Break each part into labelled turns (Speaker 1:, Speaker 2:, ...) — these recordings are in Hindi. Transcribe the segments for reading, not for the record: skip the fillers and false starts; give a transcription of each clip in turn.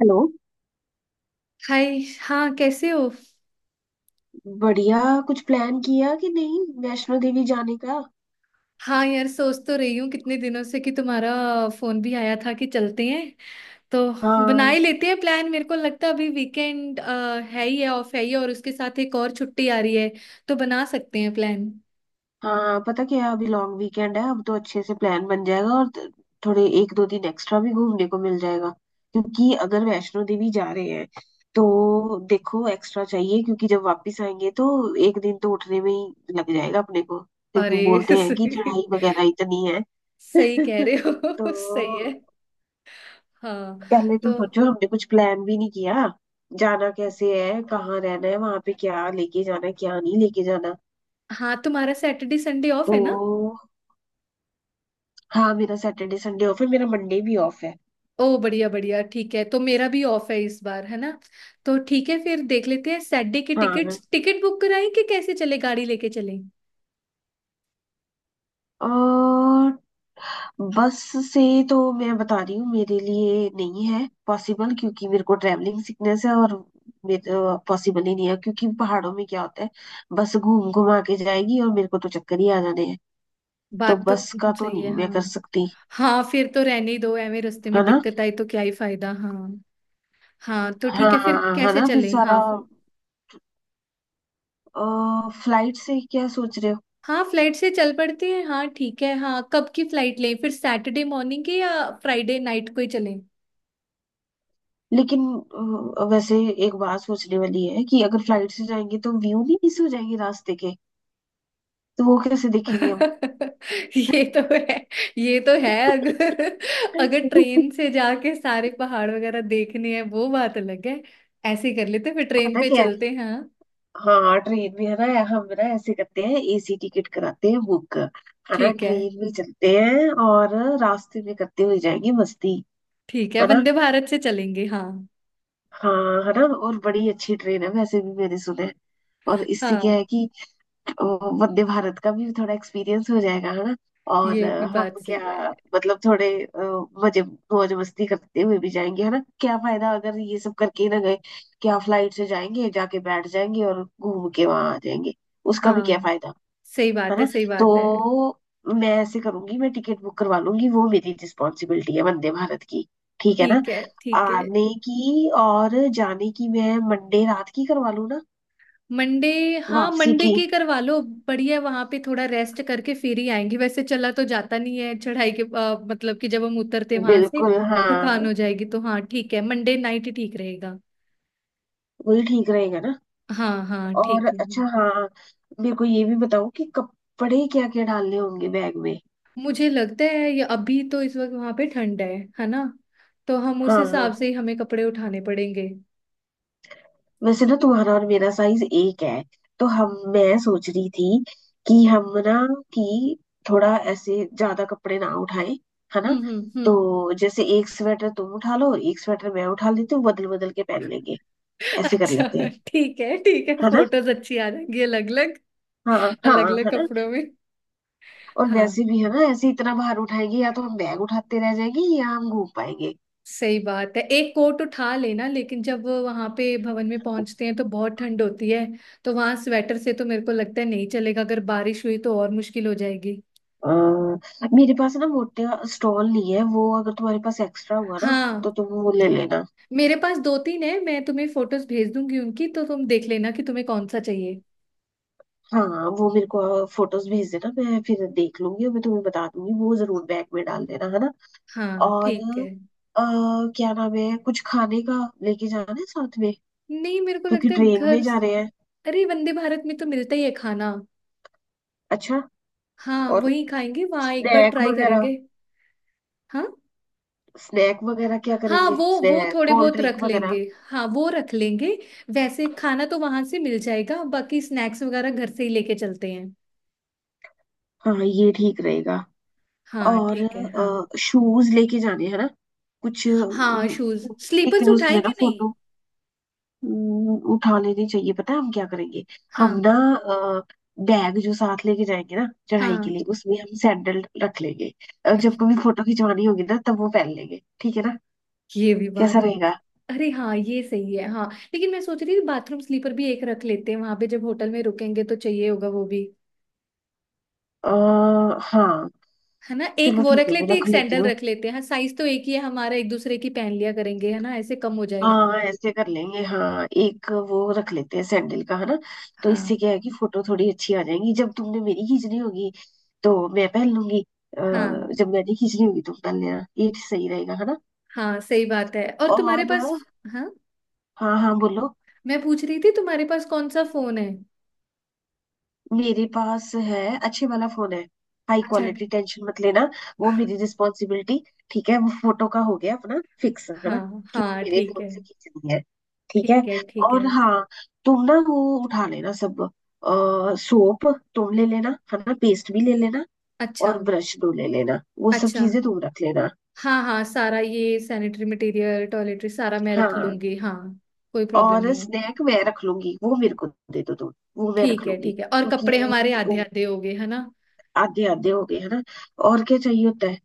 Speaker 1: हेलो।
Speaker 2: हाय, हाँ, कैसे हो।
Speaker 1: बढ़िया। कुछ प्लान किया कि नहीं, वैष्णो देवी जाने का?
Speaker 2: हाँ यार, सोच तो रही हूँ कितने दिनों से कि तुम्हारा फोन भी आया था कि चलते हैं। तो बना
Speaker 1: हाँ।
Speaker 2: ही लेते हैं प्लान। मेरे को लगता है अभी वीकेंड है ही है, ऑफ है ही है, और उसके साथ एक और छुट्टी आ रही है, तो बना सकते हैं प्लान।
Speaker 1: हाँ, पता क्या, अभी लॉन्ग वीकेंड है, अब तो अच्छे से प्लान बन जाएगा। और थोड़े एक दो दिन एक्स्ट्रा भी घूमने को मिल जाएगा, क्योंकि अगर वैष्णो देवी जा रहे हैं तो देखो, एक्स्ट्रा चाहिए, क्योंकि जब वापस आएंगे तो एक दिन तो उठने में ही लग जाएगा अपने को, क्योंकि
Speaker 2: अरे
Speaker 1: बोलते हैं कि
Speaker 2: सही।
Speaker 1: चढ़ाई वगैरह इतनी है।
Speaker 2: सही कह रहे
Speaker 1: तो
Speaker 2: हो सही है। हाँ।
Speaker 1: पहले
Speaker 2: तो
Speaker 1: तुम सोचो, हमने कुछ प्लान भी नहीं किया। जाना कैसे है, कहाँ रहना है, वहां पे क्या लेके जाना है, क्या नहीं लेके जाना।
Speaker 2: हाँ, तुम्हारा सैटरडे संडे ऑफ
Speaker 1: तो
Speaker 2: है ना।
Speaker 1: हाँ, मेरा सैटरडे संडे ऑफ है, मेरा मंडे भी ऑफ है।
Speaker 2: ओ, बढ़िया बढ़िया, ठीक है। तो मेरा भी ऑफ है इस बार, है ना। तो ठीक है, फिर देख लेते हैं सैटरडे की
Speaker 1: हाँ,
Speaker 2: टिकट्स। टिकट बुक कराएं कि कैसे चले, गाड़ी लेके चलें।
Speaker 1: और बस से तो मैं बता रही हूँ, मेरे लिए नहीं है पॉसिबल, क्योंकि मेरे को ट्रैवलिंग सिकनेस है और पॉसिबल ही नहीं है, क्योंकि पहाड़ों में क्या होता है, बस घूम घुमा के जाएगी और मेरे को तो चक्कर ही आ जाने हैं। तो
Speaker 2: बात तो
Speaker 1: बस का तो
Speaker 2: सही है,
Speaker 1: नहीं मैं
Speaker 2: हाँ।
Speaker 1: कर सकती।
Speaker 2: हाँ, फिर तो रहने ही दो, एਵੇਂ रास्ते में
Speaker 1: है ना।
Speaker 2: दिक्कत आई तो क्या ही फायदा। हाँ। हाँ तो ठीक है, फिर
Speaker 1: हाँ, है
Speaker 2: कैसे
Speaker 1: ना, फिर
Speaker 2: चलें। हाँ
Speaker 1: सारा, फ्लाइट से क्या सोच रहे हो?
Speaker 2: हाँ फ्लाइट से चल पड़ते हैं। हाँ ठीक है। हाँ कब की फ्लाइट लें फिर, सैटरडे मॉर्निंग के या फ्राइडे नाइट को ही चलें।
Speaker 1: लेकिन वैसे एक बात सोचने वाली है कि अगर फ्लाइट से जाएंगे तो व्यू भी मिस हो जाएंगे रास्ते के, तो वो कैसे देखेंगे हम?
Speaker 2: ये तो है। ये तो है। अगर अगर ट्रेन से जाके सारे पहाड़ वगैरह देखने हैं, वो बात अलग है। ऐसे ही कर लेते हैं, फिर ट्रेन
Speaker 1: पता
Speaker 2: पे
Speaker 1: क्या है,
Speaker 2: चलते हैं, हाँ।
Speaker 1: हाँ, ट्रेन में है ना, हम ना ऐसे करते हैं, एसी टिकट कराते हैं बुक, है ना,
Speaker 2: ठीक है
Speaker 1: ट्रेन में चलते हैं और रास्ते में करते हुए जाएंगे मस्ती।
Speaker 2: ठीक है,
Speaker 1: है ना।
Speaker 2: वंदे भारत से चलेंगे, हाँ।
Speaker 1: हाँ है ना, और बड़ी अच्छी ट्रेन है वैसे भी मैंने सुना है। और इससे क्या
Speaker 2: हाँ,
Speaker 1: है कि ओ, वंदे भारत का भी थोड़ा एक्सपीरियंस हो जाएगा, है ना। और
Speaker 2: ये भी
Speaker 1: हम
Speaker 2: बात सही है।
Speaker 1: क्या, मतलब थोड़े मजे मौज मस्ती करते हुए भी जाएंगे, है ना, क्या फायदा अगर ये सब करके ही ना गए, क्या फ्लाइट से जाएंगे जाके बैठ जाएंगे और घूम के वहां आ जाएंगे, उसका भी क्या
Speaker 2: हाँ,
Speaker 1: फायदा।
Speaker 2: सही
Speaker 1: है
Speaker 2: बात है।
Speaker 1: ना।
Speaker 2: सही बात है।
Speaker 1: तो मैं ऐसे करूंगी, मैं टिकट बुक करवा लूंगी, वो मेरी रिस्पॉन्सिबिलिटी है, वंदे भारत की। ठीक है ना,
Speaker 2: ठीक है ठीक है।
Speaker 1: आने की और जाने की, मैं मंडे रात की करवा लूँ ना
Speaker 2: मंडे। हाँ,
Speaker 1: वापसी
Speaker 2: मंडे
Speaker 1: की।
Speaker 2: की करवा लो। बढ़िया, वहां पे थोड़ा रेस्ट करके फिर ही आएंगे। वैसे चला तो जाता नहीं है चढ़ाई के, मतलब कि जब हम उतरते वहां से,
Speaker 1: बिल्कुल
Speaker 2: थकान
Speaker 1: हाँ,
Speaker 2: हो जाएगी। तो हाँ, ठीक है, मंडे नाइट ही ठीक रहेगा।
Speaker 1: वही ठीक रहेगा ना।
Speaker 2: हाँ हाँ
Speaker 1: और
Speaker 2: ठीक है।
Speaker 1: अच्छा हाँ, मेरे को ये भी बताओ कि कपड़े क्या क्या डालने होंगे बैग में।
Speaker 2: मुझे लगता है ये अभी तो, इस वक्त वहां पे ठंड है ना। तो हम उस
Speaker 1: हाँ
Speaker 2: हिसाब
Speaker 1: हाँ,
Speaker 2: से ही, हमें कपड़े उठाने पड़ेंगे।
Speaker 1: वैसे ना तुम्हारा और मेरा साइज एक है, तो हम मैं सोच रही थी कि हम ना, कि थोड़ा ऐसे ज्यादा कपड़े ना उठाएं, है ना। तो
Speaker 2: हम्म।
Speaker 1: जैसे एक स्वेटर तुम उठा लो, एक स्वेटर मैं उठा लेती हूँ, बदल बदल के पहन लेंगे, ऐसे कर
Speaker 2: अच्छा,
Speaker 1: लेते हैं।
Speaker 2: ठीक है ठीक है,
Speaker 1: है ना।
Speaker 2: फोटोज अच्छी आ जाएंगी अलग अलग।
Speaker 1: हाँ हाँ,
Speaker 2: अलग अलग
Speaker 1: है ना,
Speaker 2: कपड़ों में।
Speaker 1: और
Speaker 2: हाँ,
Speaker 1: वैसे भी है ना, ऐसे इतना भार उठाएंगे या तो हम बैग उठाते रह जाएंगे या हम घूम पाएंगे।
Speaker 2: सही बात है। एक कोट उठा लेना, लेकिन जब वहां पे भवन में पहुंचते हैं तो बहुत ठंड होती है। तो वहां स्वेटर से तो मेरे को लगता है नहीं चलेगा। अगर बारिश हुई तो और मुश्किल हो जाएगी।
Speaker 1: अ, मेरे पास ना मोटा स्टॉल नहीं है, वो अगर तुम्हारे पास एक्स्ट्रा हुआ ना, तो
Speaker 2: हाँ,
Speaker 1: तुम वो ले लेना।
Speaker 2: मेरे पास दो तीन है, मैं तुम्हें फोटोज भेज दूंगी उनकी, तो तुम देख लेना कि तुम्हें कौन सा चाहिए।
Speaker 1: हाँ, वो मेरे को फोटोज भेज देना, मैं फिर देख लूंगी और मैं तुम्हें बता दूंगी, वो जरूर बैग में डाल देना, है ना।
Speaker 2: हाँ
Speaker 1: और
Speaker 2: ठीक है।
Speaker 1: अ, क्या नाम है, कुछ खाने का लेके जाना है साथ में,
Speaker 2: नहीं, मेरे को
Speaker 1: क्योंकि
Speaker 2: लगता है
Speaker 1: ट्रेन में
Speaker 2: घर।
Speaker 1: जा रहे हैं।
Speaker 2: अरे, वंदे भारत में तो मिलता ही है खाना।
Speaker 1: अच्छा।
Speaker 2: हाँ,
Speaker 1: और
Speaker 2: वही खाएंगे। वहां एक बार
Speaker 1: स्नैक
Speaker 2: ट्राई
Speaker 1: वगैरह,
Speaker 2: करेंगे। हाँ,
Speaker 1: स्नैक वगैरह क्या
Speaker 2: हाँ
Speaker 1: करेंगे,
Speaker 2: वो
Speaker 1: स्नैक
Speaker 2: थोड़े
Speaker 1: कोल्ड
Speaker 2: बहुत रख
Speaker 1: ड्रिंक
Speaker 2: लेंगे।
Speaker 1: वगैरह।
Speaker 2: हाँ वो रख लेंगे। वैसे खाना तो वहां से मिल जाएगा, बाकी स्नैक्स वगैरह घर से ही लेके चलते हैं।
Speaker 1: हाँ ये ठीक रहेगा।
Speaker 2: हाँ ठीक है, हाँ।
Speaker 1: और शूज लेके जाने हैं ना, कुछ
Speaker 2: हाँ, शूज स्लीपर्स
Speaker 1: लेकिन उसमें
Speaker 2: उठाए कि
Speaker 1: ना
Speaker 2: नहीं।
Speaker 1: फोटो उठा लेनी चाहिए, पता है हम क्या करेंगे, हम
Speaker 2: हाँ
Speaker 1: ना, बैग जो साथ लेके जाएंगे ना चढ़ाई के
Speaker 2: हाँ।
Speaker 1: लिए, उसमें हम सैंडल रख लेंगे। जब
Speaker 2: अच्छा,
Speaker 1: कभी फोटो खिंचवानी होगी ना तब वो पहन लेंगे, ठीक है ना,
Speaker 2: ये भी
Speaker 1: कैसा
Speaker 2: बात की।
Speaker 1: रहेगा।
Speaker 2: अरे हाँ, ये सही है, हाँ। लेकिन मैं सोच रही थी बाथरूम स्लीपर भी एक रख लेते हैं, वहां पे जब होटल में रुकेंगे तो चाहिए होगा वो भी।
Speaker 1: आ, हाँ,
Speaker 2: है ना, एक
Speaker 1: चलो
Speaker 2: वो
Speaker 1: ठीक
Speaker 2: रख
Speaker 1: है मैं
Speaker 2: लेते हैं,
Speaker 1: रख
Speaker 2: एक
Speaker 1: लेती
Speaker 2: सैंडल
Speaker 1: हूँ।
Speaker 2: रख लेते हैं। हाँ, साइज तो एक ही है हमारा, एक दूसरे की पहन लिया करेंगे, है ना, ऐसे कम हो जाएगा।
Speaker 1: हाँ, ऐसे कर लेंगे, हाँ एक वो रख लेते हैं सैंडल का, है ना। तो
Speaker 2: हाँ
Speaker 1: इससे क्या है कि फोटो थोड़ी अच्छी आ जाएंगी, जब तुमने मेरी खींचनी होगी तो मैं पहन लूंगी,
Speaker 2: हाँ।
Speaker 1: जब मैंने खींचनी होगी तुम पहन लेना, ये सही रहेगा, है ना।
Speaker 2: हाँ, सही बात है। और तुम्हारे पास,
Speaker 1: और
Speaker 2: हाँ,
Speaker 1: हाँ। हाँ बोलो।
Speaker 2: मैं पूछ रही थी, तुम्हारे पास कौन सा फोन है।
Speaker 1: मेरे पास है, अच्छे वाला फोन है, हाई
Speaker 2: अच्छा
Speaker 1: क्वालिटी, टेंशन मत लेना, वो मेरी रिस्पॉन्सिबिलिटी। ठीक है, वो फोटो का हो गया अपना फिक्स, है ना,
Speaker 2: हाँ
Speaker 1: कि वो
Speaker 2: हाँ
Speaker 1: मेरे
Speaker 2: ठीक
Speaker 1: फोन
Speaker 2: है।
Speaker 1: से खींचनी है। ठीक
Speaker 2: ठीक
Speaker 1: है।
Speaker 2: है ठीक है।
Speaker 1: और हाँ, तुम ना वो उठा लेना सब, सोप तुम ले लेना, है ना, पेस्ट भी ले लेना,
Speaker 2: अच्छा।
Speaker 1: और ब्रश दो ले लेना, वो सब
Speaker 2: अच्छा,
Speaker 1: चीजें तुम रख लेना।
Speaker 2: हाँ हाँ, सारा ये सैनिटरी मटेरियल, टॉयलेटरी सारा मैं रख
Speaker 1: हाँ।
Speaker 2: लूंगी, हाँ। कोई प्रॉब्लम
Speaker 1: और
Speaker 2: नहीं है।
Speaker 1: स्नैक मैं रख लूंगी, वो मेरे को दे दो तुम, वो मैं
Speaker 2: ठीक
Speaker 1: रख
Speaker 2: है
Speaker 1: लूंगी।
Speaker 2: ठीक है, और कपड़े हमारे
Speaker 1: क्योंकि वो
Speaker 2: आधे आधे हो गए, है ना।
Speaker 1: आधे आधे हो गए है ना, और क्या चाहिए होता है।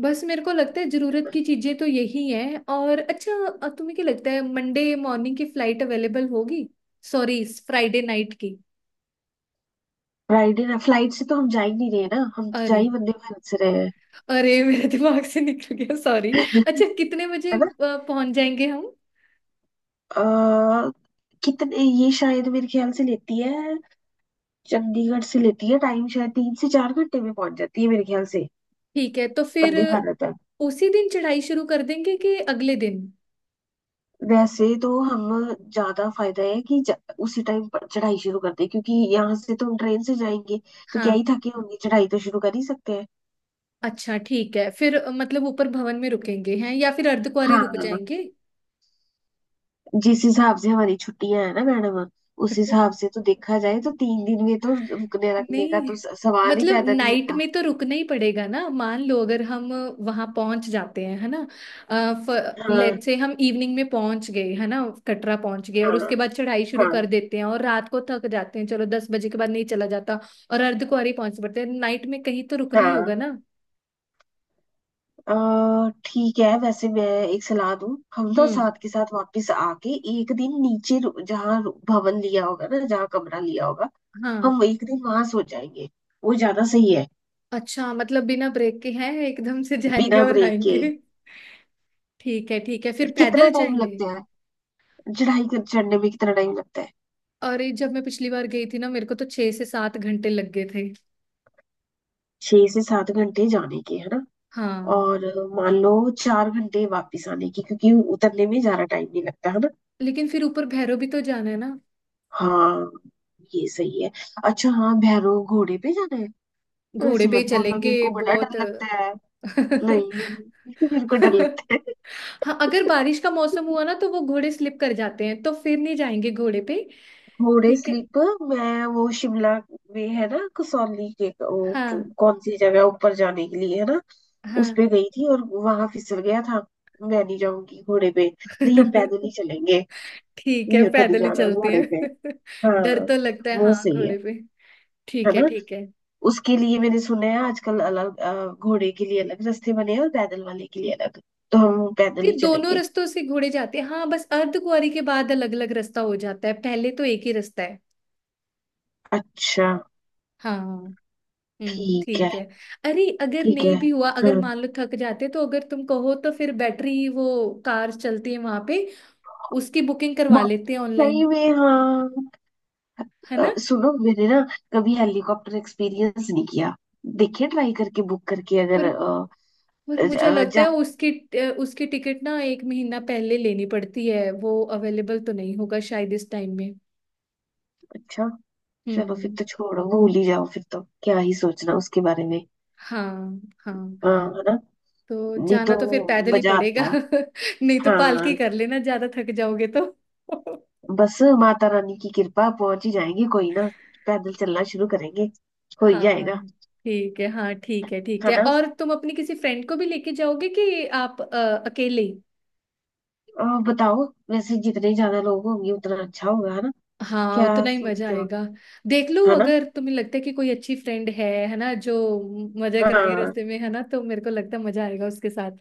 Speaker 2: बस मेरे को लगता है जरूरत की चीजें तो यही है। और अच्छा, तुम्हें क्या लगता है मंडे मॉर्निंग की फ्लाइट अवेलेबल होगी। सॉरी, फ्राइडे नाइट की।
Speaker 1: राइड ना, फ्लाइट से तो हम जा ही नहीं रहे ना, हम तो जा
Speaker 2: अरे
Speaker 1: ही वंदे भारत से रहे हैं।
Speaker 2: अरे, मेरे दिमाग से निकल गया, सॉरी। अच्छा, कितने
Speaker 1: है
Speaker 2: बजे
Speaker 1: ना।
Speaker 2: पहुंच जाएंगे हम।
Speaker 1: अ, कितने, ये शायद मेरे ख्याल से लेती है, चंडीगढ़ से लेती है टाइम, शायद 3 से 4 घंटे में पहुंच जाती है मेरे ख्याल से,
Speaker 2: ठीक है, तो फिर
Speaker 1: वंदे भारत है।
Speaker 2: उसी दिन चढ़ाई शुरू कर देंगे कि अगले दिन।
Speaker 1: वैसे तो हम, ज्यादा फायदा है कि उसी टाइम पर चढ़ाई शुरू कर दें, क्योंकि यहाँ से तो हम ट्रेन से जाएंगे तो क्या
Speaker 2: हाँ,
Speaker 1: ही थके होंगे, चढ़ाई तो शुरू कर ही सकते हैं।
Speaker 2: अच्छा ठीक है। फिर मतलब ऊपर भवन में रुकेंगे हैं या फिर अर्धकुंवारी रुक
Speaker 1: हाँ,
Speaker 2: जाएंगे।
Speaker 1: जिस हिसाब से हमारी छुट्टियां है ना मैडम, उस हिसाब से तो देखा जाए तो 3 दिन में तो रुकने रखने का
Speaker 2: नहीं,
Speaker 1: तो सवाल ही
Speaker 2: मतलब
Speaker 1: पैदा नहीं
Speaker 2: नाइट
Speaker 1: होता।
Speaker 2: में तो रुकना ही पड़ेगा ना। मान लो अगर हम वहां पहुंच जाते हैं, है ना।
Speaker 1: हाँ
Speaker 2: लेट से हम इवनिंग में पहुंच गए, है ना। कटरा पहुंच गए और
Speaker 1: हाँ,
Speaker 2: उसके बाद चढ़ाई शुरू
Speaker 1: हाँ
Speaker 2: कर देते हैं और रात को थक जाते हैं, चलो 10 बजे के बाद नहीं चला जाता। और अर्धकुंवारी पहुंच पड़ते हैं नाइट में, कहीं तो रुकना ही
Speaker 1: हाँ,
Speaker 2: होगा ना।
Speaker 1: ठीक है, वैसे मैं एक सलाह दूं। हम ना
Speaker 2: हम्म,
Speaker 1: साथ के साथ वापस आके एक दिन नीचे जहाँ भवन लिया होगा ना, जहाँ कमरा लिया होगा,
Speaker 2: हाँ।
Speaker 1: हम एक दिन वहां सो जाएंगे, वो ज्यादा सही है।
Speaker 2: अच्छा, मतलब बिना ब्रेक के हैं, एकदम से जाएंगे
Speaker 1: बिना
Speaker 2: और
Speaker 1: ब्रेक
Speaker 2: आएंगे।
Speaker 1: के।
Speaker 2: ठीक है ठीक है, फिर
Speaker 1: कितना
Speaker 2: पैदल
Speaker 1: टाइम
Speaker 2: जाएंगे।
Speaker 1: लगता है, चढ़ाई कर चढ़ने में कितना टाइम लगता है।
Speaker 2: और ये, जब मैं पिछली बार गई थी ना, मेरे को तो 6 से 7 घंटे लग गए थे।
Speaker 1: 6 से 7 घंटे जाने के, है ना,
Speaker 2: हाँ,
Speaker 1: और मान लो 4 घंटे वापस आने की, क्योंकि उतरने में ज्यादा टाइम नहीं लगता, है ना।
Speaker 2: लेकिन फिर ऊपर भैरव भी तो जाना है ना।
Speaker 1: हाँ, ये सही है। अच्छा हाँ, भैरव घोड़े पे जाना है? तो
Speaker 2: घोड़े
Speaker 1: ऐसे
Speaker 2: पे
Speaker 1: मत
Speaker 2: ही
Speaker 1: बोलना, मेरे
Speaker 2: चलेंगे
Speaker 1: को बड़ा
Speaker 2: बहुत
Speaker 1: डर लगता है। नहीं। मेरे को डर लगता है।
Speaker 2: हाँ, अगर बारिश का मौसम हुआ ना तो वो घोड़े स्लिप कर जाते हैं, तो फिर नहीं जाएंगे घोड़े पे।
Speaker 1: घोड़े
Speaker 2: ठीक है,
Speaker 1: स्लीप। मैं वो शिमला में है ना, कसौली के वो
Speaker 2: हाँ
Speaker 1: कौन सी जगह ऊपर जाने के लिए है ना, उस
Speaker 2: हाँ।
Speaker 1: पे गई थी और वहां फिसल गया था। मैं नहीं जाऊंगी घोड़े पे। नहीं, हम पैदल ही चलेंगे।
Speaker 2: ठीक है,
Speaker 1: मेरे को नहीं
Speaker 2: पैदल ही
Speaker 1: जाना
Speaker 2: चलते
Speaker 1: घोड़े पे।
Speaker 2: हैं।
Speaker 1: हाँ,
Speaker 2: डर तो लगता है
Speaker 1: वो
Speaker 2: हाँ,
Speaker 1: सही है
Speaker 2: घोड़े पे।
Speaker 1: है
Speaker 2: ठीक है
Speaker 1: ना।
Speaker 2: ठीक है।
Speaker 1: उसके लिए मैंने सुना है, आजकल अलग घोड़े के लिए अलग रास्ते बने हैं और पैदल वाले के लिए अलग, तो हम पैदल
Speaker 2: ये
Speaker 1: ही
Speaker 2: दोनों
Speaker 1: चलेंगे।
Speaker 2: रास्तों से घोड़े जाते हैं हाँ, बस अर्धकुंवारी के बाद अलग अलग रास्ता हो जाता है, पहले तो एक ही रास्ता है।
Speaker 1: अच्छा।
Speaker 2: हाँ। हम्म,
Speaker 1: ठीक है,
Speaker 2: ठीक है। अरे, अगर
Speaker 1: ठीक है।
Speaker 2: नहीं भी हुआ, अगर
Speaker 1: हाँ,
Speaker 2: मान लो थक जाते, तो अगर तुम कहो तो फिर बैटरी वो कार चलती है वहां पे, उसकी बुकिंग करवा
Speaker 1: बहुत
Speaker 2: लेते हैं ऑनलाइन।
Speaker 1: सही में हाँ।
Speaker 2: है ना।
Speaker 1: सुनो, मैंने ना कभी हेलीकॉप्टर एक्सपीरियंस नहीं किया, देखिए ट्राई करके बुक करके, अगर
Speaker 2: पर
Speaker 1: अ,
Speaker 2: पर मुझे
Speaker 1: अ,
Speaker 2: लगता है
Speaker 1: जा
Speaker 2: उसकी, उसकी टिकट ना एक महीना पहले लेनी पड़ती है, वो अवेलेबल तो नहीं होगा शायद इस टाइम में।
Speaker 1: अच्छा, चलो फिर
Speaker 2: हम्म।
Speaker 1: तो छोड़ो, भूल ही जाओ, फिर तो क्या ही सोचना उसके बारे में।
Speaker 2: हाँ हाँ,
Speaker 1: हाँ है ना।
Speaker 2: तो
Speaker 1: नहीं
Speaker 2: जाना
Speaker 1: तो
Speaker 2: तो फिर पैदल ही
Speaker 1: मजा
Speaker 2: पड़ेगा
Speaker 1: आता।
Speaker 2: नहीं तो पालकी
Speaker 1: हाँ,
Speaker 2: कर लेना, ज्यादा थक जाओगे तो
Speaker 1: बस माता रानी की कृपा, पहुंच ही जाएंगे, कोई ना, पैदल चलना शुरू करेंगे, हो ही
Speaker 2: हाँ
Speaker 1: जाएगा।
Speaker 2: ठीक है, हाँ ठीक है ठीक
Speaker 1: है
Speaker 2: है।
Speaker 1: ना।
Speaker 2: और तुम अपनी किसी फ्रेंड को भी लेके जाओगे कि आप अकेले ही।
Speaker 1: और बताओ, वैसे जितने ज्यादा लोग होंगे उतना अच्छा होगा, है ना,
Speaker 2: हाँ,
Speaker 1: क्या
Speaker 2: उतना ही मजा
Speaker 1: सोचते हो।
Speaker 2: आएगा। देख लो,
Speaker 1: है ना।
Speaker 2: अगर तुम्हें लगता है कि कोई अच्छी फ्रेंड है ना, जो मजा कराए
Speaker 1: हाँ,
Speaker 2: रास्ते में, है ना, तो मेरे को लगता है मजा आएगा उसके साथ।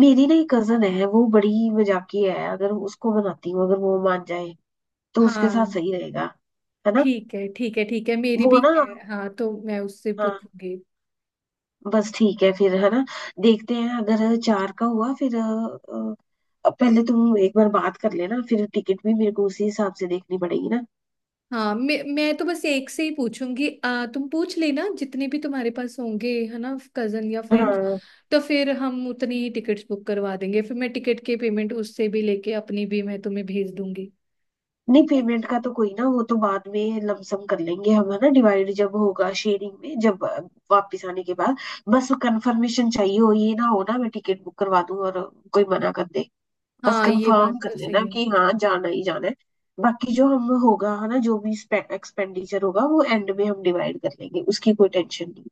Speaker 1: मेरी ना एक कजन है, वो बड़ी मजाकी है, अगर उसको मनाती हूँ, अगर वो मान जाए तो उसके साथ
Speaker 2: हाँ।
Speaker 1: सही रहेगा, है ना।
Speaker 2: ठीक है ठीक है ठीक है, मेरी
Speaker 1: वो
Speaker 2: भी
Speaker 1: ना,
Speaker 2: है हाँ, तो मैं उससे
Speaker 1: हाँ,
Speaker 2: पूछूंगी।
Speaker 1: बस ठीक है फिर, है ना। देखते हैं, अगर चार का हुआ फिर पहले तुम एक बार बात कर लेना, फिर टिकट भी मेरे को उसी हिसाब से देखनी पड़ेगी ना।
Speaker 2: हाँ, मैं तो बस एक से ही पूछूंगी। तुम पूछ लेना जितने भी तुम्हारे पास होंगे, है ना, कजन या फ्रेंड्स।
Speaker 1: हाँ।
Speaker 2: तो फिर हम उतनी ही टिकट्स बुक करवा देंगे, फिर मैं टिकट की पेमेंट उससे भी लेके, अपनी भी मैं तुम्हें भेज दूंगी।
Speaker 1: नहीं,
Speaker 2: ठीक है।
Speaker 1: पेमेंट का तो कोई ना, वो तो बाद में लमसम कर लेंगे हम, है ना, डिवाइड जब होगा शेयरिंग में, जब वापस आने के बाद। बस कंफर्मेशन चाहिए, हो ये ना हो ना, मैं टिकट बुक करवा दूं और कोई मना कर दे। बस
Speaker 2: हाँ, ये बात
Speaker 1: कंफर्म
Speaker 2: तो
Speaker 1: कर
Speaker 2: सही
Speaker 1: लेना
Speaker 2: है।
Speaker 1: कि हाँ जाना ही जाना है, बाकी जो हम होगा है ना, जो भी एक्सपेंडिचर होगा वो एंड में हम डिवाइड कर लेंगे, उसकी कोई टेंशन नहीं।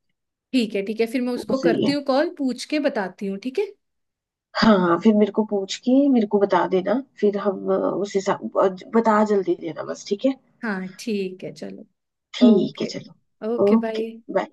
Speaker 2: ठीक है ठीक है, फिर मैं
Speaker 1: वो तो
Speaker 2: उसको
Speaker 1: सही
Speaker 2: करती
Speaker 1: है।
Speaker 2: हूँ कॉल, पूछ के बताती हूँ, ठीक है।
Speaker 1: हाँ हाँ, फिर मेरे को पूछ के मेरे को बता देना, फिर हम उस हिसाब बता जल्दी देना बस। ठीक है,
Speaker 2: हाँ ठीक है, चलो।
Speaker 1: ठीक है
Speaker 2: ओके।
Speaker 1: चलो।
Speaker 2: Okay
Speaker 1: okay
Speaker 2: bye.
Speaker 1: बाय।